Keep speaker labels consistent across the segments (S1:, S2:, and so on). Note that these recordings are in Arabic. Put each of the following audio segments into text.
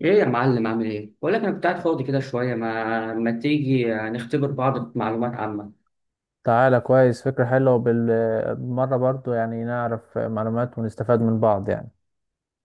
S1: ايه يا معلم عامل ايه؟ بقول لك انا كنت قاعد فاضي كده شويه. ما تيجي نختبر بعض معلومات عامه.
S2: تعالى كويس، فكرة حلوة بالمرة برضو يعني نعرف معلومات ونستفاد من بعض يعني.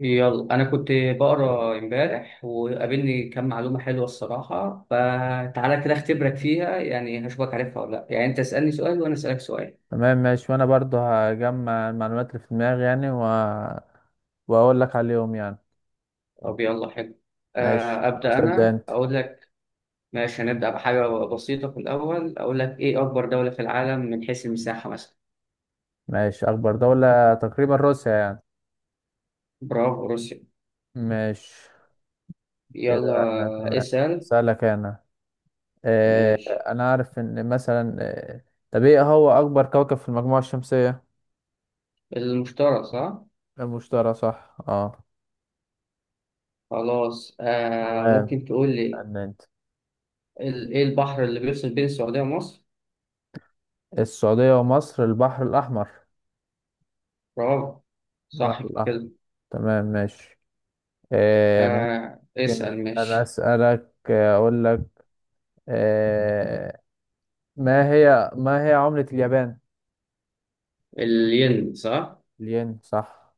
S1: يلا انا كنت بقرا امبارح وقابلني كام معلومه حلوه الصراحه، فتعالى كده اختبرك فيها يعني، هشوفك عارفها ولا لا. يعني انت اسالني سؤال وانا اسالك سؤال.
S2: تمام ماشي، وأنا برضو هجمع المعلومات اللي في دماغي يعني وأقول لك عليهم يعني.
S1: طب يلا حلو.
S2: ماشي
S1: ابدا
S2: خلاص ابدأ
S1: انا
S2: أنت.
S1: اقول لك. ماشي، هنبدا بحاجه بسيطه في الاول. اقول لك ايه اكبر دوله في العالم من حيث المساحه مثلا؟
S2: ماشي، أكبر دولة تقريبا روسيا يعني.
S1: برافو روسيا.
S2: ماشي
S1: يلا
S2: كده أنا تمام.
S1: اسال.
S2: أسألك أنا.
S1: ماشي.
S2: أنا عارف إن مثلا آه، طب إيه هو أكبر كوكب في المجموعة الشمسية؟
S1: المشترى صح.
S2: المشتري صح اه.
S1: خلاص. آه
S2: تمام
S1: ممكن تقول لي،
S2: استنى أنت.
S1: ايه البحر اللي بيفصل بين السعودية ومصر؟
S2: السعودية ومصر البحر الأحمر.
S1: برافو، صح
S2: البحر الأحمر.
S1: كده.
S2: تمام ماشي. آه.
S1: آه
S2: ممكن
S1: اسأل
S2: أنا
S1: ماشي.
S2: أسألك، أقول لك آه ما هي عملة اليابان؟
S1: الين صح؟
S2: الين صح.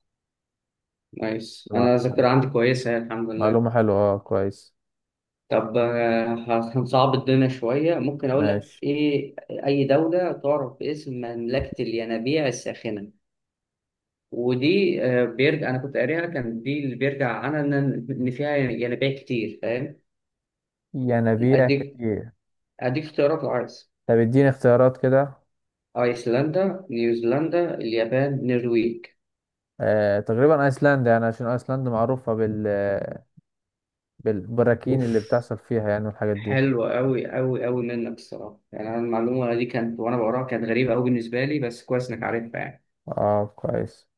S1: نايس،
S2: معلومة
S1: انا
S2: حلوة،
S1: الذاكرة عندي كويسة يعني، الحمد لله.
S2: معلومة حلوة أه كويس.
S1: طب هنصعب الدنيا شوية. ممكن اقول لك
S2: ماشي
S1: ايه اي دولة تعرف باسم مملكة الينابيع الساخنة؟ ودي بيرجع انا كنت قاريها كان دي اللي بيرجع عنها ان، إن فيها ينابيع كتير، فاهم؟
S2: ينابيع
S1: اديك،
S2: كتير.
S1: اديك اختيارات لو عايز:
S2: طب اديني اختيارات كده.
S1: ايسلندا، نيوزيلندا، اليابان، النرويج.
S2: آه تقريبا أيسلندا يعني، عشان أيسلندا معروفة بالبراكين اللي
S1: اوف،
S2: بتحصل فيها يعني والحاجات دي.
S1: حلو قوي قوي قوي منك الصراحه يعني. انا المعلومه دي كانت وانا بقراها كانت غريبه قوي بالنسبه لي، بس كويس انك عارفها يعني.
S2: أه كويس.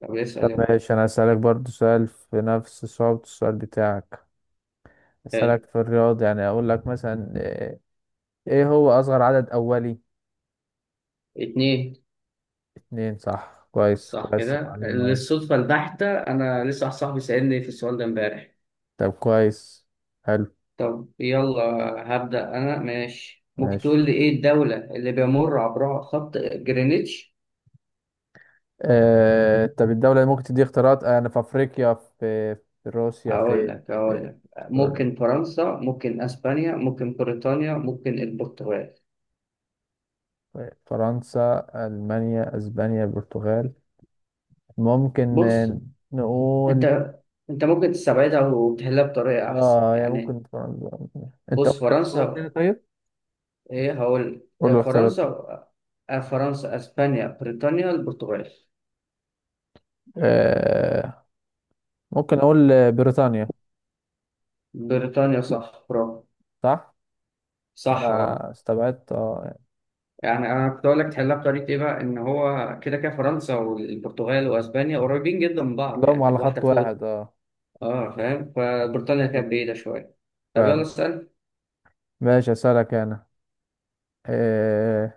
S1: طب
S2: طب
S1: اسال يلا.
S2: ماشي انا اسالك برضو سؤال في نفس صعوبة السؤال بتاعك. اسالك
S1: حلو.
S2: في الرياضة يعني، اقول لك مثلا ايه هو اصغر عدد اولي؟
S1: اتنين
S2: اتنين صح، كويس
S1: صح
S2: كويس
S1: كده،
S2: المعلومة.
S1: للصدفه البحته انا لسه واحد صاحبي سالني في السؤال ده امبارح.
S2: طب كويس. حلو.
S1: طب يلا هبدا انا. ماشي ممكن
S2: ماشي،
S1: تقول لي ايه الدوله اللي بيمر عبرها خط جرينتش؟
S2: طب الدولة، اللي ممكن تدي اختيارات، انا في افريقيا، في روسيا،
S1: هقول
S2: فين،
S1: لك، هقول
S2: في
S1: لك:
S2: استراليا؟
S1: ممكن فرنسا، ممكن اسبانيا، ممكن بريطانيا، ممكن البرتغال.
S2: طيب، فرنسا، المانيا، اسبانيا، البرتغال. ممكن
S1: بص، انت
S2: نقول
S1: انت ممكن تستبعدها وتحلها بطريقه احسن
S2: اه يعني
S1: يعني.
S2: ممكن فرنسا. انت
S1: بص
S2: قلت اختيارات تاني
S1: فرنسا،
S2: طيب.
S1: ايه هقول
S2: قول له اختيارات.
S1: فرنسا، فرنسا، اسبانيا، بريطانيا، البرتغال.
S2: آه ممكن اقول بريطانيا.
S1: بريطانيا صح، برافو.
S2: صح.
S1: صح اه.
S2: انا استبعدت اه.
S1: يعني انا كنت اقول لك تحلها بطريقه ايه بقى، ان هو كده كده فرنسا والبرتغال واسبانيا قريبين جدا من بعض
S2: لهم
S1: يعني،
S2: على
S1: واحده
S2: خط
S1: فوق.
S2: واحد اه.
S1: اه فاهم، فبريطانيا كانت بعيدة شوية. طب يلا
S2: فعلا.
S1: اسأل.
S2: ماشي اسالك انا. آه.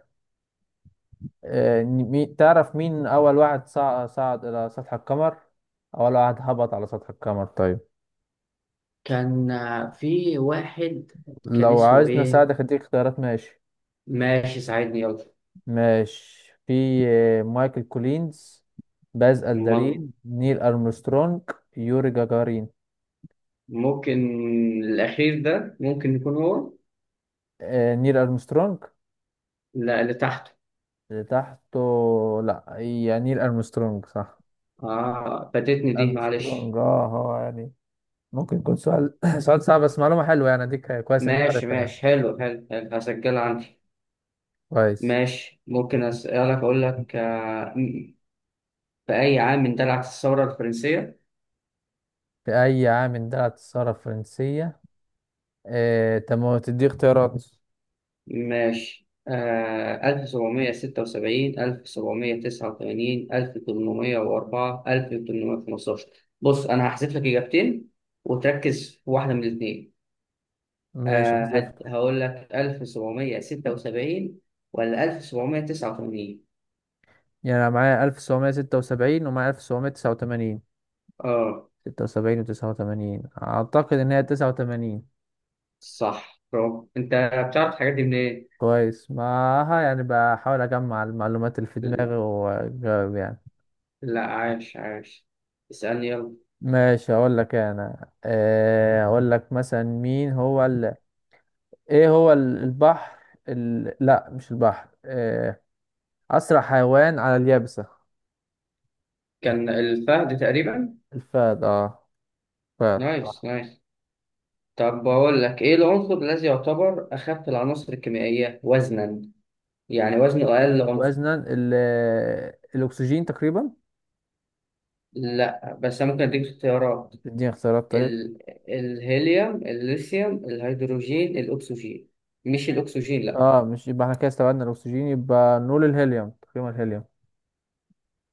S2: تعرف مين اول واحد صعد الى سطح القمر، اول واحد هبط على سطح القمر طيب.
S1: كان في واحد، كان
S2: لو
S1: اسمه
S2: عايزني
S1: ايه؟
S2: اساعدك اديك اختيارات ماشي.
S1: ماشي ساعدني يلا.
S2: ماشي في مايكل كولينز، باز
S1: م-
S2: الدرين، نيل ارمسترونج، يوري جاجارين.
S1: ممكن الأخير ده ممكن يكون هو.
S2: آه نيل ارمسترونج.
S1: لا اللي تحته.
S2: اللي تحته؟ لا يعني نيل ارمسترونج صح.
S1: اه فاتتني دي معلش.
S2: ارمسترونج اه هو يعني. ممكن يكون سؤال سؤال صعب، بس معلومة حلوة يعني، اديك كويس انت
S1: ماشي
S2: عارفها يعني.
S1: ماشي، حلو حلو حلو، هسجلها عندي.
S2: كويس.
S1: ماشي، ممكن أسألك أقول لك في أي عام اندلعت الثورة الفرنسية؟
S2: في اي عام اندلعت الثورة الفرنسية؟ تم تدي اختيارات.
S1: ماشي. 1776، 1789، 1804، 1815. بص أنا هحذف لك إجابتين وتركز في واحدة من الاتنين.
S2: ماشي حذفت.
S1: هقول لك 1776 ولا 1789؟
S2: يعني انا معايا 1776 ومعايا 1789.
S1: آه
S2: 76 و89، اعتقد ان هي 89.
S1: صح برافو أنت. بتعرف الحاجات دي منين؟
S2: كويس معاها يعني، بحاول اجمع المعلومات اللي في دماغي واجاوب يعني.
S1: لا عاش عاش. اسألني يلا.
S2: ماشي هقول لك انا، هقول لك مثلا، البحر لا مش البحر، اسرع حيوان على اليابسة؟
S1: كان الفهد تقريبا.
S2: الفهد اه. فهد
S1: نايس
S2: صح.
S1: نايس. طب بقول لك ايه العنصر الذي يعتبر اخف العناصر الكيميائيه وزنا، يعني وزنه اقل عنصر؟
S2: وزنا الاكسجين تقريبا.
S1: لا بس أنا ممكن اديك اختيارات:
S2: اديني اختيارات طيب.
S1: ال... الهيليوم، الليثيوم، الهيدروجين، الاكسجين. مش الاكسجين لا.
S2: اه مش يبقى احنا كده استبعدنا الاكسجين، يبقى نقول الهيليوم تقريبا، الهيليوم.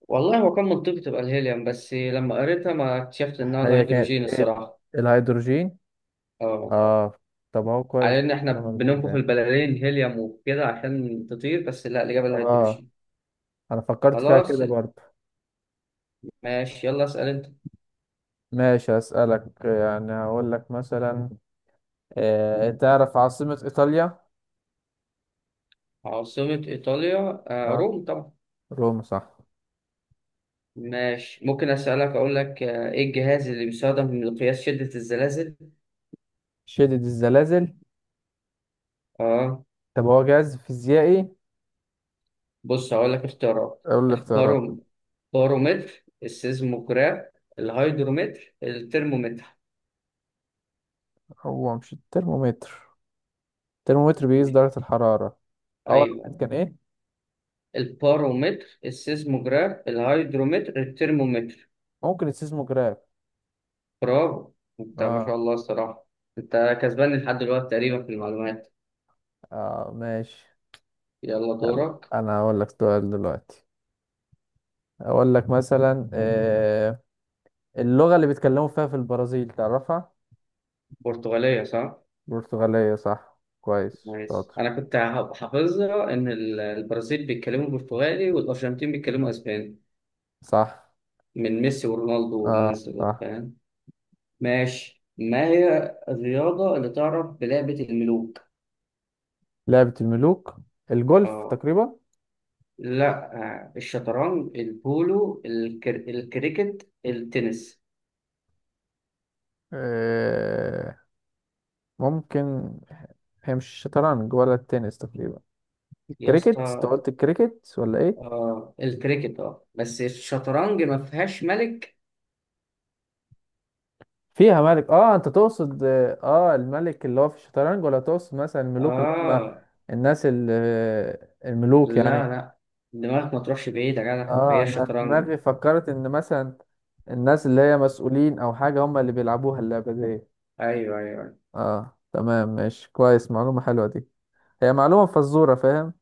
S1: والله هو كان منطقي تبقى الهيليوم، بس لما قريتها ما اكتشفت انها
S2: هي كانت
S1: الهيدروجين
S2: ايه؟
S1: الصراحه.
S2: الهيدروجين.
S1: اه،
S2: اه. طب اهو
S1: على
S2: كويس،
S1: ان احنا
S2: معلومة جديدة
S1: بننفخ
S2: يعني.
S1: البلالين هيليوم وكده عشان تطير، بس لا الاجابه
S2: اه
S1: الهيدروجين.
S2: انا فكرت فيها
S1: خلاص
S2: كده برضه.
S1: ماشي، يلا اسال انت.
S2: ماشي هسألك يعني، هقول لك مثلا، تعرف عاصمة إيطاليا؟
S1: عاصمه ايطاليا آه
S2: اه
S1: روم طبعا.
S2: روما صح.
S1: ماشي، ممكن أسألك أقول لك، إيه الجهاز اللي بيستخدم لقياس شدة الزلازل؟
S2: شدد الزلازل.
S1: آه
S2: طب هو جهاز فيزيائي.
S1: بص هقول لك اختيارات:
S2: أقول الاختيارات.
S1: الباروم، بارومتر، السيزموجراف، الهيدرومتر، الترمومتر.
S2: هو مش الترمومتر، الترمومتر بيقيس درجة الحرارة. أول واحد
S1: أيوه.
S2: كان إيه؟
S1: البارومتر، السيزموجراف، الهيدرومتر، الترمومتر.
S2: ممكن السيزموجراف.
S1: برافو. أنت ما شاء
S2: اه.
S1: الله الصراحة، أنت كسبان لحد دلوقتي تقريبا في المعلومات.
S2: اه ماشي.
S1: يلا
S2: يلا.
S1: دورك.
S2: أنا هقول لك سؤال دلوقتي. أقول لك مثلا اللغة اللي بيتكلموا فيها في البرازيل، تعرفها؟
S1: برتغالية صح؟
S2: برتغالية صح، كويس
S1: ماشي
S2: شاطر.
S1: انا كنت حافظها ان البرازيل بيتكلموا برتغالي والارجنتين بيتكلموا اسباني،
S2: صح
S1: من ميسي ورونالدو والناس
S2: اه.
S1: دول
S2: صح.
S1: فاهم. ماشي، ما هي الرياضة اللي تعرف بلعبة الملوك؟
S2: لعبة الملوك، الجولف
S1: اه.
S2: تقريبا.
S1: لا. الشطرنج، البولو، الكريكت، التنس.
S2: آه ممكن. هي مش شطرنج ولا التنس تقريبا،
S1: يا
S2: الكريكت. انت
S1: اسطى.
S2: قلت الكريكت ولا ايه؟
S1: اه الكريكت، اه، بس الشطرنج ما فيهاش ملك.
S2: فيها ملك اه، انت تقصد اه الملك اللي هو في الشطرنج، ولا تقصد مثلا الملوك اللي هم
S1: اه.
S2: الناس الملوك
S1: لا
S2: يعني.
S1: لا، دماغك ما تروحش بعيد يا جدع،
S2: اه
S1: هي
S2: انا
S1: الشطرنج.
S2: دماغي فكرت ان مثلا الناس اللي هي مسؤولين او حاجة هم اللي بيلعبوها اللعبة دي.
S1: ايوه ايوه.
S2: اه تمام ماشي كويس، معلومة حلوة دي، هي معلومة فزورة، فاهم.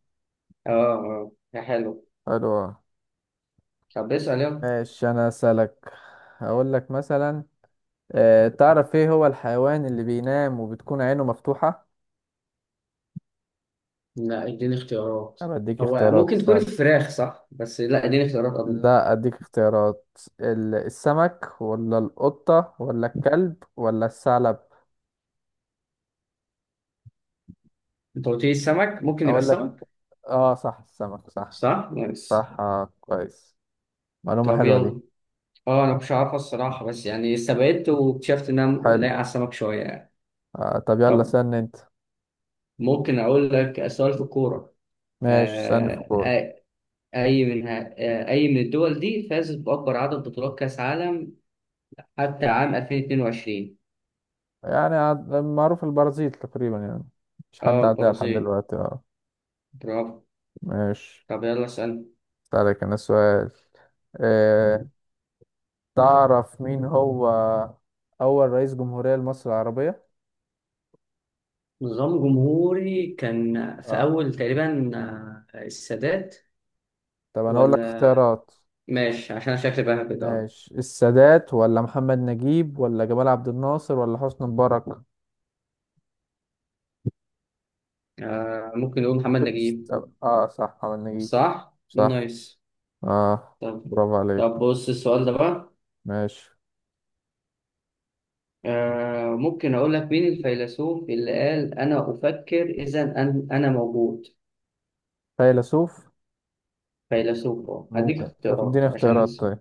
S1: اه اه، ده حلو.
S2: حلو أوي.
S1: طب اسأل يلا.
S2: ماشي انا اسالك. هقول لك مثلا تعرف ايه هو الحيوان اللي بينام وبتكون عينه مفتوحة؟
S1: لا اديني اختيارات.
S2: انا بديك
S1: هو
S2: اختيارات
S1: ممكن تكون
S2: ساعد.
S1: الفراخ صح، بس لا اديني اختيارات قبل.
S2: لا اديك اختيارات. السمك ولا القطة ولا الكلب ولا الثعلب؟
S1: انت قلت لي السمك، ممكن يبقى
S2: اقول لك
S1: السمك.
S2: اه صح، السمك صح.
S1: صح، نايس.
S2: صح آه كويس. معلومة
S1: طب
S2: حلوة دي.
S1: يلا. اه انا مش عارفه الصراحه، بس يعني استبعدت واكتشفت ان انا
S2: حلو.
S1: لايق على السمك شويه يعني.
S2: آه طب يلا
S1: طب
S2: سن انت.
S1: ممكن اقول لك سؤال في الكوره؟
S2: ماشي سن في
S1: آه
S2: كورة.
S1: آه، اي من اي من الدول دي فازت باكبر عدد بطولات كاس عالم حتى عام 2022؟
S2: يعني معروف البرازيل تقريبا يعني، مش
S1: اه
S2: حد عدى لحد
S1: البرازيل.
S2: دلوقتي اه.
S1: برافو.
S2: ماشي.
S1: طب يلا اسال.
S2: أسألك أنا سؤال. أه. تعرف مين هو أول رئيس جمهورية لمصر العربية؟
S1: نظام جمهوري كان في
S2: أه
S1: أول تقريبا. السادات
S2: طب أنا أقول لك
S1: ولا.
S2: اختيارات.
S1: ماشي عشان أنا شكلي بقى كده.
S2: ماشي السادات ولا محمد نجيب ولا جمال عبد الناصر ولا حسني مبارك؟
S1: ممكن نقول محمد نجيب.
S2: أه صح محمد نجيب.
S1: صح؟
S2: صح.
S1: نايس.
S2: أه.
S1: طب.
S2: برافو
S1: طب
S2: عليك.
S1: بص السؤال ده بقى،
S2: ماشي.
S1: ممكن أقول لك مين الفيلسوف اللي قال أنا أفكر إذا أنا موجود؟
S2: فيلسوف.
S1: فيلسوف أهو. هديك
S2: ممكن طب اديني
S1: اختيارات عشان
S2: اختيارات
S1: أنسى.
S2: طيب.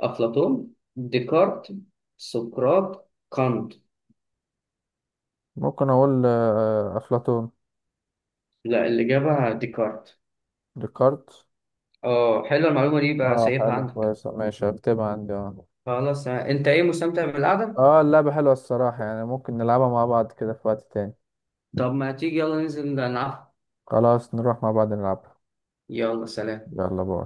S1: أفلاطون، ديكارت، سقراط كانت.
S2: ممكن أقول أفلاطون.
S1: لا الإجابة ديكارت.
S2: ديكارت.
S1: اه، حلوة المعلومة دي بقى
S2: أه
S1: سايبها
S2: حلو
S1: عندك.
S2: كويس ماشي هكتبها عندي أه.
S1: خلاص، انت ايه مستمتع بالقعدة؟
S2: اه اللعبة حلوة الصراحة يعني، ممكن نلعبها مع بعض كده في وقت تاني.
S1: طب ما تيجي يلا ننزل نلعب.
S2: خلاص نروح مع بعض نلعبها.
S1: يلا سلام.
S2: يلا باي.